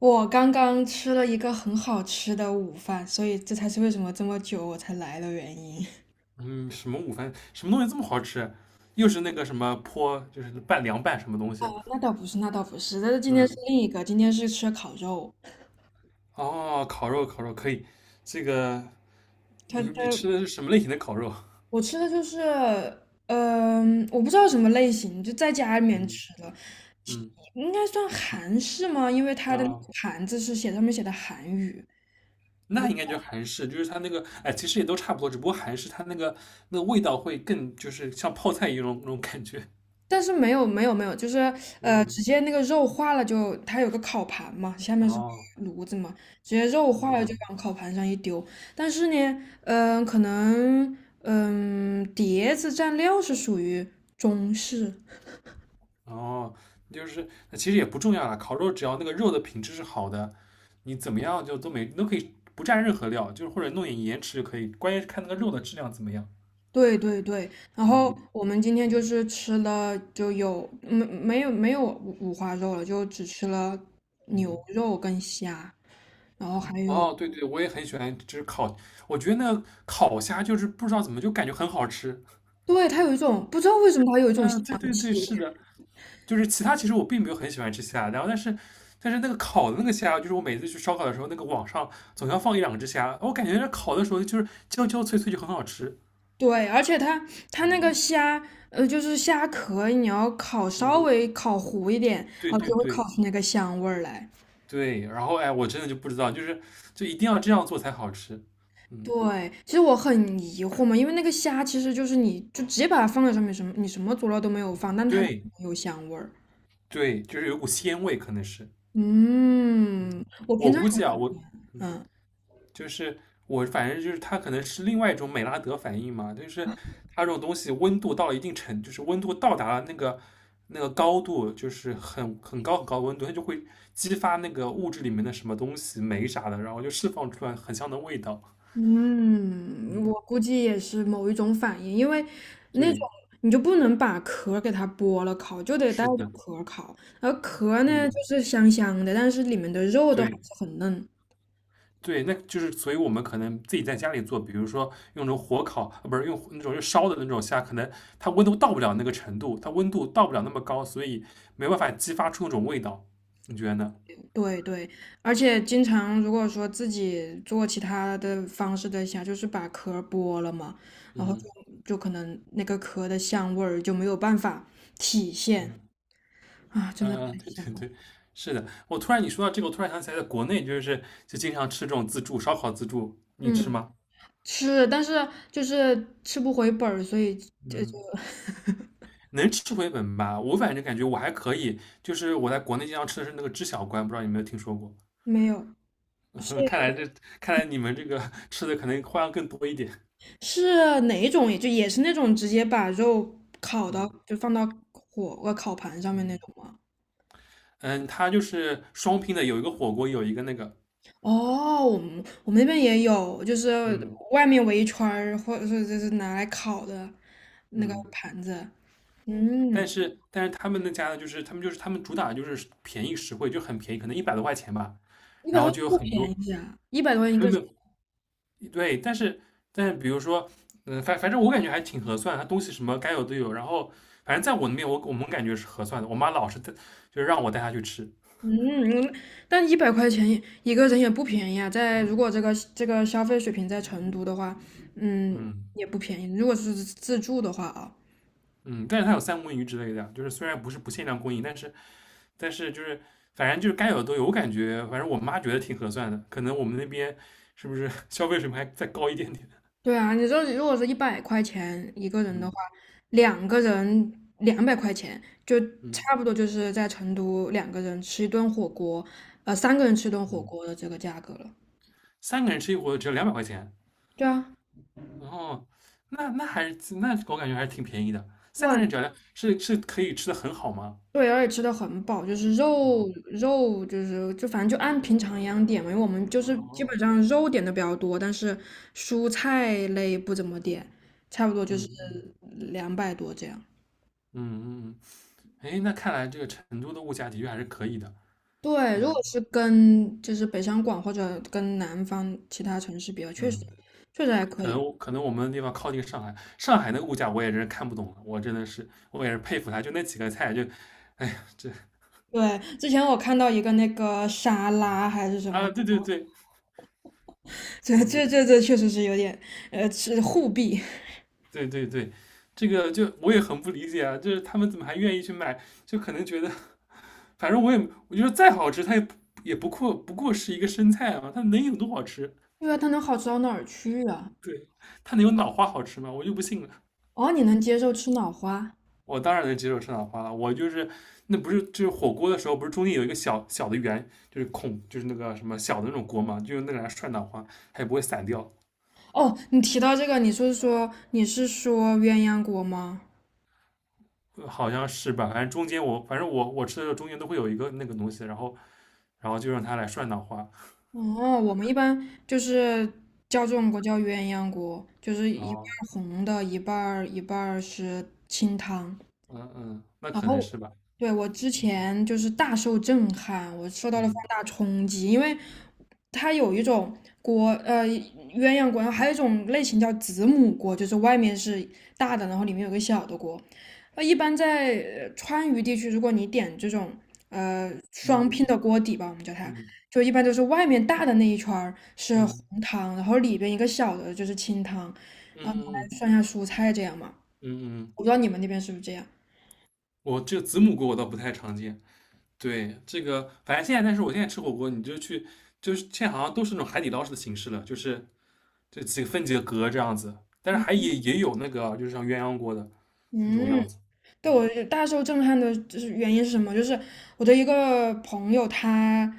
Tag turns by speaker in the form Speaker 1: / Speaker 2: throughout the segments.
Speaker 1: 我刚刚吃了一个很好吃的午饭，所以这才是为什么这么久我才来的原因。
Speaker 2: 嗯，什么午饭，什么东西这么好吃？又是那个什么泼，就是凉拌什么东西？
Speaker 1: 哦，那倒不是，那倒不是，但是今天是
Speaker 2: 嗯，
Speaker 1: 另一个，今天是吃烤肉。
Speaker 2: 哦，烤肉，烤肉可以。这个
Speaker 1: 它
Speaker 2: 你吃的
Speaker 1: 它
Speaker 2: 是什么类型的烤肉？
Speaker 1: 我吃的就是，我不知道什么类型，就在家里面
Speaker 2: 嗯
Speaker 1: 吃的，其
Speaker 2: 嗯，
Speaker 1: 应该算韩式吗？因为它的那个
Speaker 2: 啊，
Speaker 1: 盘子上面写的韩语。
Speaker 2: 那应该就是韩式，就是它那个，哎，其实也都差不多，只不过韩式它那个味道会更，就是像泡菜一样那种感觉。
Speaker 1: 但是没有没有没有，就是
Speaker 2: 嗯，
Speaker 1: 直接那个肉化了就，它有个烤盘嘛，下面是个
Speaker 2: 哦，
Speaker 1: 炉子嘛，直接肉化了就
Speaker 2: 嗯，
Speaker 1: 往烤盘上一丢。但是呢，可能碟子蘸料是属于中式，
Speaker 2: 哦，就是其实也不重要了，烤肉只要那个肉的品质是好的，你怎么样就都可以不蘸任何料，就是或者弄点盐吃就可以，关键是看那个肉的质量怎么样。
Speaker 1: 对对对。然后
Speaker 2: 嗯
Speaker 1: 我们今天就是吃了，就有没有五花肉了，就只吃了牛
Speaker 2: 嗯，
Speaker 1: 肉跟虾，然后还有，
Speaker 2: 哦，对对，我也很喜欢，就是烤，我觉得那个烤虾就是不知道怎么就感觉很好吃。
Speaker 1: 对，它有一种不知道为什么它有一种香
Speaker 2: 嗯，对对对，
Speaker 1: 气。
Speaker 2: 是的，就是其他其实我并没有很喜欢吃虾，然后但是那个烤的那个虾，就是我每次去烧烤的时候，那个网上总要放一两只虾，我感觉那烤的时候就是焦焦脆脆就很好吃。
Speaker 1: 对，而且它那个虾，就是虾壳，你要烤稍
Speaker 2: 嗯，
Speaker 1: 微烤糊一点，然
Speaker 2: 对
Speaker 1: 后就
Speaker 2: 对
Speaker 1: 会烤
Speaker 2: 对
Speaker 1: 出那个香味儿来。
Speaker 2: 对，然后哎，我真的就不知道，就是一定要这样做才好吃。嗯，
Speaker 1: 对，其实我很疑惑嘛，因为那个虾其实就是你就直接把它放在上面，什么你什么佐料都没有放，但它就
Speaker 2: 对
Speaker 1: 有香味儿。
Speaker 2: 对，就是有股鲜味，可能是
Speaker 1: 嗯，我平
Speaker 2: 我
Speaker 1: 常
Speaker 2: 估计啊，我嗯，
Speaker 1: 嗯。
Speaker 2: 就是我反正就是它可能是另外一种美拉德反应嘛，就是它这种东西温度到了一定程，就是温度到达了那个高度，就是很高很高的温度，它就会激发那个物质里面的什么东西酶啥的，然后就释放出来很香的味道。
Speaker 1: 嗯，我
Speaker 2: 嗯，
Speaker 1: 估计也是某一种反应，因为那
Speaker 2: 对，
Speaker 1: 种你就不能把壳儿给它剥了烤，就得带
Speaker 2: 是
Speaker 1: 着
Speaker 2: 的，
Speaker 1: 壳儿烤。而壳儿呢，
Speaker 2: 嗯，
Speaker 1: 就是香香的，但是里面的肉都还
Speaker 2: 对。
Speaker 1: 是很嫩。
Speaker 2: 对，那就是所以我们可能自己在家里做，比如说用那种火烤，不是用那种就烧的那种虾，可能它温度到不了那个程度，它温度到不了那么高，所以没办法激发出那种味道。你觉得呢？
Speaker 1: 对对，而且经常如果说自己做其他的方式的虾，就是把壳儿剥了嘛，然后
Speaker 2: 嗯
Speaker 1: 就可能那个壳的香味儿就没有办法体现
Speaker 2: 嗯
Speaker 1: 啊，真的
Speaker 2: 嗯嗯，
Speaker 1: 太
Speaker 2: 对
Speaker 1: 香
Speaker 2: 对
Speaker 1: 了。
Speaker 2: 对，是的。我突然你说到这个，我突然想起来，在国内就是经常吃这种自助烧烤自助，你吃
Speaker 1: 嗯。
Speaker 2: 吗？
Speaker 1: 吃，但是就是吃不回本儿，所以就
Speaker 2: 嗯，能吃回本吧？我反正感觉我还可以，就是我在国内经常吃的是那个知小关，不知道你有没有听说过？
Speaker 1: 没有。是
Speaker 2: 嗯看来你们这个吃的可能花样更多一点。
Speaker 1: 是哪一种？也是那种直接把肉烤到，
Speaker 2: 嗯
Speaker 1: 就放到烤盘上面那
Speaker 2: 嗯
Speaker 1: 种吗？
Speaker 2: 嗯，它就是双拼的，有一个火锅，有一个那个，
Speaker 1: 哦，我们那边也有，就是
Speaker 2: 嗯
Speaker 1: 外面围一圈儿，或者是就是拿来烤的那个
Speaker 2: 嗯，
Speaker 1: 盘子。
Speaker 2: 但
Speaker 1: 嗯，
Speaker 2: 是但是他们那家呢，就是他们主打就是便宜实惠，就很便宜，可能100多块钱吧，
Speaker 1: 一百
Speaker 2: 然后
Speaker 1: 多
Speaker 2: 就有
Speaker 1: 不
Speaker 2: 很多
Speaker 1: 便宜啊，一百多一
Speaker 2: 没
Speaker 1: 个
Speaker 2: 有没
Speaker 1: 人。
Speaker 2: 有对，但是比如说，反正我感觉还挺合算，它东西什么该有都有，然后反正在我那边我们感觉是合算的，我妈老是带就是让我带她去吃，
Speaker 1: 嗯，但一百块钱一个人也不便宜啊，在如果这个消费水平在成都的话，嗯，
Speaker 2: 嗯
Speaker 1: 也不便宜。如果是自助的话啊，
Speaker 2: 嗯，但是它有三文鱼之类的就是虽然不是不限量供应，但是但是就是反正就是该有的都有，我感觉反正我妈觉得挺合算的，可能我们那边是不是 消费水平还再高一点点？
Speaker 1: 对啊，你说如果是一百块钱一个 人的话，
Speaker 2: 嗯
Speaker 1: 两个人200块钱，就
Speaker 2: 嗯
Speaker 1: 差不多就是在成都两个人吃一顿火锅，三个人吃一顿火
Speaker 2: 嗯，
Speaker 1: 锅的这个价格了。
Speaker 2: 三个人吃一锅只要200块钱，
Speaker 1: 对啊，
Speaker 2: 然后那还是那我感觉还是挺便宜的，三个
Speaker 1: 万。
Speaker 2: 人只要是可以吃的很好吗？
Speaker 1: 对，而且吃的很饱，就是肉
Speaker 2: 哦
Speaker 1: 肉就是就反正就按平常一样点嘛，因为我们就是基
Speaker 2: 哦，
Speaker 1: 本上肉点的比较多，但是蔬菜类不怎么点，差不多就
Speaker 2: 嗯
Speaker 1: 是
Speaker 2: 嗯
Speaker 1: 200多这样。
Speaker 2: 嗯嗯，哎，那看来这个成都的物价的确还是可以的，
Speaker 1: 对，如果
Speaker 2: 嗯
Speaker 1: 是跟就是北上广或者跟南方其他城市比较，确实
Speaker 2: 嗯。
Speaker 1: 确实还可
Speaker 2: 可
Speaker 1: 以。
Speaker 2: 能可能我们的地方靠近上海，上海那个物价我也真是看不懂了，我真的是我也是佩服他，就那几个菜就，哎呀，这
Speaker 1: 对，之前我看到一个那个沙拉还是什么，
Speaker 2: 啊，对对对，
Speaker 1: 这这
Speaker 2: 嗯，
Speaker 1: 这这确实是有点是互弊，
Speaker 2: 对对对，就我也很不理解啊，就是他们怎么还愿意去买，就可能觉得，反正我觉得再好吃，它也不过是一个生菜嘛，它能有多好吃？
Speaker 1: 因为它能好吃到哪儿去啊？
Speaker 2: 对，它能有脑花好吃吗？我就不信了。
Speaker 1: 哦，你能接受吃脑花？
Speaker 2: 我当然能接受生脑花了。我就是那不是就是火锅的时候，不是中间有一个小小的圆，就是孔，就是那个什么小的那种锅嘛，就用那个来涮脑花，它也不会散掉，
Speaker 1: 哦，你提到这个，你是说鸳鸯锅吗？
Speaker 2: 好像是吧？反正中间我反正我我吃的时候中间都会有一个那个东西，然后就让它来涮脑花，
Speaker 1: 哦，我们一般就是叫这种锅叫鸳鸯锅，就是
Speaker 2: 然
Speaker 1: 一半
Speaker 2: 后
Speaker 1: 儿红的，一半儿是清汤。
Speaker 2: 嗯嗯，那
Speaker 1: 然
Speaker 2: 可能
Speaker 1: 后，
Speaker 2: 是吧，
Speaker 1: 对，我之前就是大受震撼，我受到了放
Speaker 2: 嗯
Speaker 1: 大冲击，因为它有一种锅，鸳鸯锅，然后还有一种类型叫子母锅，就是外面是大的，然后里面有个小的锅。一般在川渝地区，如果你点这种双
Speaker 2: 嗯
Speaker 1: 拼的锅底吧，我们叫它，
Speaker 2: 嗯
Speaker 1: 就一般都是外面大的那一圈儿是
Speaker 2: 嗯
Speaker 1: 红汤，然后里边一个小的就是清汤，然
Speaker 2: 嗯
Speaker 1: 后拿
Speaker 2: 嗯
Speaker 1: 来涮一下蔬菜这样嘛。
Speaker 2: 嗯嗯，嗯
Speaker 1: 我不知道你们那边是不是这样？
Speaker 2: 我这个子母锅我倒不太常见。对，这个反正现在，但是我现在吃火锅，你就去，就是现在好像都是那种海底捞式的形式了，就是这几个分几个格这样子，但是还
Speaker 1: 嗯
Speaker 2: 也有那个就是像鸳鸯锅的那种
Speaker 1: 嗯。
Speaker 2: 样子，
Speaker 1: 对，
Speaker 2: 嗯
Speaker 1: 我就大受震撼的就是原因是什么？就是我的一个朋友，他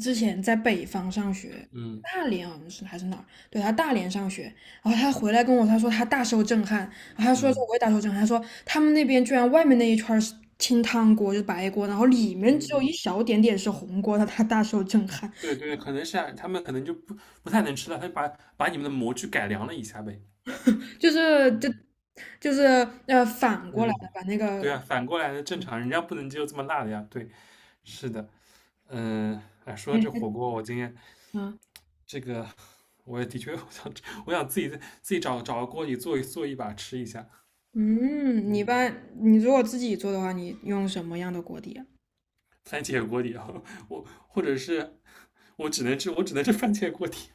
Speaker 1: 之前在北方上学，
Speaker 2: 嗯
Speaker 1: 大连好像是还是哪儿？对，他大连上学，然后他回来他说他大受震撼，然后他说
Speaker 2: 嗯
Speaker 1: 我也大受震撼，他说他们那边居然外面那一圈儿是清汤锅，就是白锅，然后里面只有一
Speaker 2: 嗯，
Speaker 1: 小点点是红锅，他大受震撼，
Speaker 2: 对对，可能是啊他们可能就不太能吃了，他就把你们的模具改良了一下呗，
Speaker 1: 就是就
Speaker 2: 嗯
Speaker 1: 就是反过来的
Speaker 2: 嗯，
Speaker 1: 把那
Speaker 2: 对
Speaker 1: 个
Speaker 2: 啊，反过来的正常，人家不能接受这么辣的呀，对，是的。嗯，哎，说到这
Speaker 1: 嗯。
Speaker 2: 火锅，我今天
Speaker 1: 嗯
Speaker 2: 这个我也的确 我想自己找个锅底做一把吃一下，
Speaker 1: 嗯，你一
Speaker 2: 嗯
Speaker 1: 般你如果自己做的话，你用什么样的锅底啊？
Speaker 2: 番茄锅底啊，我或者是我只能吃番茄锅底，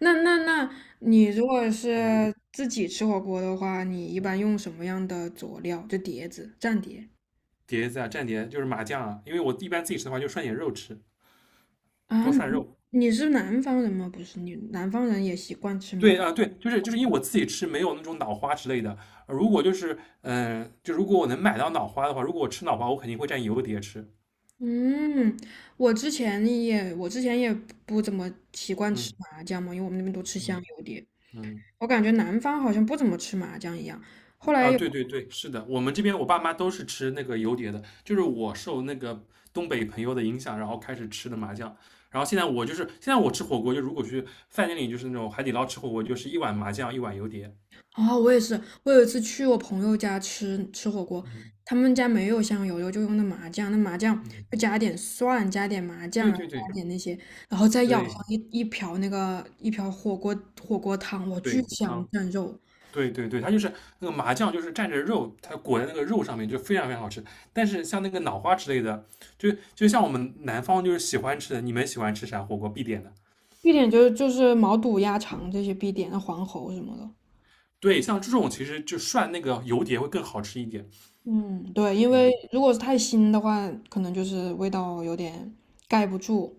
Speaker 1: 那你如果
Speaker 2: 嗯，
Speaker 1: 是自己吃火锅的话，你一般用什么样的佐料？就碟子、蘸碟
Speaker 2: 碟子啊蘸碟就是麻酱啊，因为我一般自己吃的话就涮点肉吃，
Speaker 1: 啊？
Speaker 2: 多涮
Speaker 1: 你
Speaker 2: 肉。
Speaker 1: 你是南方人吗？不是，你南方人也习惯吃
Speaker 2: 对
Speaker 1: 麻。
Speaker 2: 啊，对，就是因为我自己吃没有那种脑花之类的，如果就是嗯、呃就如果我能买到脑花的话，如果我吃脑花，我肯定会蘸油碟吃。
Speaker 1: 嗯，我之前也不怎么习惯吃
Speaker 2: 嗯
Speaker 1: 麻酱嘛，因为我们那边都吃香
Speaker 2: 嗯
Speaker 1: 油碟，
Speaker 2: 嗯。
Speaker 1: 我感觉南方好像不怎么吃麻酱一样。后来
Speaker 2: 啊，
Speaker 1: 有
Speaker 2: 对对对，是的，我们这边我爸妈都是吃那个油碟的，就是我受那个东北朋友的影响，然后开始吃的麻酱，然后现在我吃火锅，就如果去饭店里就是那种海底捞吃火锅，就是一碗麻酱，一碗油碟，
Speaker 1: 啊，我也是，我有一次去我朋友家吃火锅，
Speaker 2: 嗯
Speaker 1: 他们家没有香油，就用的麻酱，那麻酱
Speaker 2: 嗯，
Speaker 1: 就加点蒜，加点麻酱，
Speaker 2: 对
Speaker 1: 然后
Speaker 2: 对对
Speaker 1: 加点那些，然后再舀上
Speaker 2: 对
Speaker 1: 一瓢火锅汤，哇，巨
Speaker 2: 对，
Speaker 1: 香
Speaker 2: 汤，
Speaker 1: 蘸肉。
Speaker 2: 对对对，它就是那个麻酱，就是蘸着肉，它裹在那个肉上面，就非常非常好吃。但是像那个脑花之类的，就像我们南方就是喜欢吃的，你们喜欢吃啥火锅必点的？
Speaker 1: 必点就是毛肚、鸭肠这些必点，那黄喉什么的。
Speaker 2: 对，像这种其实就涮那个油碟会更好吃一点。
Speaker 1: 嗯，对，因为
Speaker 2: 嗯，
Speaker 1: 如果是太腥的话，可能就是味道有点盖不住。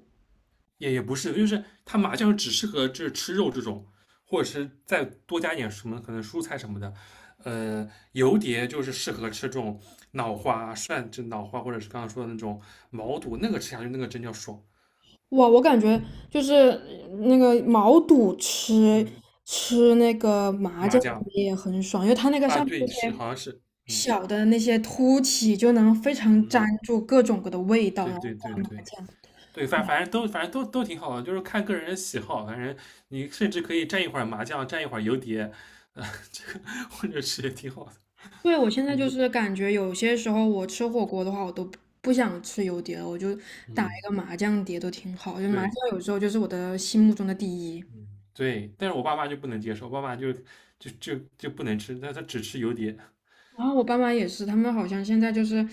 Speaker 2: 也不是，就是它麻酱只适合就是吃肉这种，或者是再多加一点什么可能蔬菜什么的。油碟就是适合吃这种脑花涮，这脑花或者是刚刚说的那种毛肚，那个吃下去那个真叫爽。
Speaker 1: 哇，我感觉就是那个毛肚吃
Speaker 2: 嗯，
Speaker 1: 吃那个麻
Speaker 2: 麻
Speaker 1: 酱
Speaker 2: 酱
Speaker 1: 也很爽，因为它那个
Speaker 2: 啊，
Speaker 1: 上面那
Speaker 2: 对，是
Speaker 1: 些
Speaker 2: 好像是，嗯
Speaker 1: 小的那些凸起就能非常粘
Speaker 2: 嗯，
Speaker 1: 住各种各的味道。
Speaker 2: 对
Speaker 1: 然后
Speaker 2: 对对对，对，反正都挺好的，就是看个人的喜好。反正你甚至可以蘸一会儿麻酱，蘸一会儿游碟，呃，这个或者是也挺好的。
Speaker 1: 对，我现在就是感觉有些时候我吃火锅的话，我都不想吃油碟了，我就打一
Speaker 2: 嗯，
Speaker 1: 个麻酱碟都挺好。就麻酱
Speaker 2: 对，
Speaker 1: 有时候就是我的心目中的第一。
Speaker 2: 嗯对。但是我爸妈就不能接受，我爸妈就不能吃，但他只吃油碟，
Speaker 1: 然后我爸妈也是，他们好像现在就是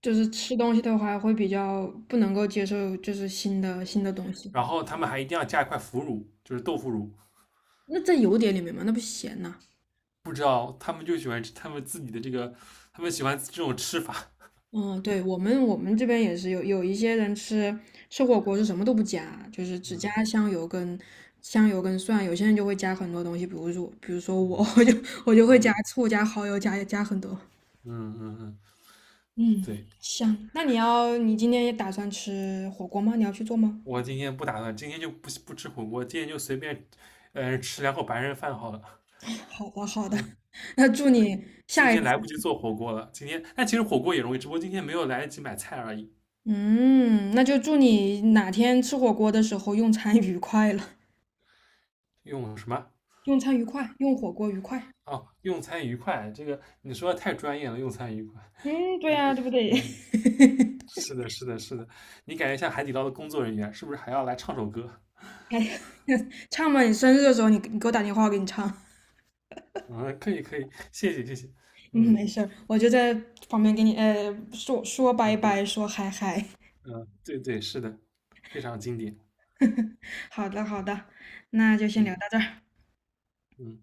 Speaker 1: 就是吃东西的话会比较不能够接受，就是新的东西。
Speaker 2: 然后他们还一定要加一块腐乳，就是豆腐乳。
Speaker 1: 那在油碟里面嘛，那不咸呐。
Speaker 2: 不知道他们就喜欢吃他们自己的这个，他们喜欢这种吃法。
Speaker 1: 嗯，对，我们这边也是有一些人吃火锅是什么都不加，就是只加
Speaker 2: 嗯
Speaker 1: 香油跟蒜。有些人就会加很多东西，比如说我 我
Speaker 2: 嗯
Speaker 1: 就我就会加
Speaker 2: 嗯
Speaker 1: 醋、加蚝油、加很多。
Speaker 2: 嗯嗯嗯，
Speaker 1: 嗯，
Speaker 2: 对。
Speaker 1: 香。那你今天也打算吃火锅吗？你要去做吗？
Speaker 2: 我今天不打算，今天就不吃火锅，今天就随便，吃两口白人饭好了。
Speaker 1: 好的好的，
Speaker 2: 嗯，
Speaker 1: 那祝你。
Speaker 2: 今
Speaker 1: 下一
Speaker 2: 天
Speaker 1: 次。
Speaker 2: 来不及做火锅了，今天但其实火锅也容易，只不过今天没有来得及买菜而已。
Speaker 1: 嗯，那就祝你哪天吃火锅的时候用餐愉快了，
Speaker 2: 用什么？
Speaker 1: 用餐愉快，用火锅愉快。
Speaker 2: 哦，用餐愉快，这个你说的太专业了，用餐愉快。
Speaker 1: 嗯，对
Speaker 2: 嗯
Speaker 1: 呀，对不对？
Speaker 2: 嗯，是的，是的，是的，你感觉像海底捞的工作人员，是不是还要来唱首歌？
Speaker 1: 唱嘛，你生日的时候你给我打电话，我给你唱。
Speaker 2: 嗯，可以可以，谢谢谢谢。
Speaker 1: 嗯，
Speaker 2: 嗯
Speaker 1: 没事儿，我就在旁边给你说说拜
Speaker 2: 嗯
Speaker 1: 拜，说嗨嗨。
Speaker 2: 嗯，对对，是的，非常经典。
Speaker 1: 好的好的，那就先聊到
Speaker 2: 嗯
Speaker 1: 这儿。
Speaker 2: 嗯。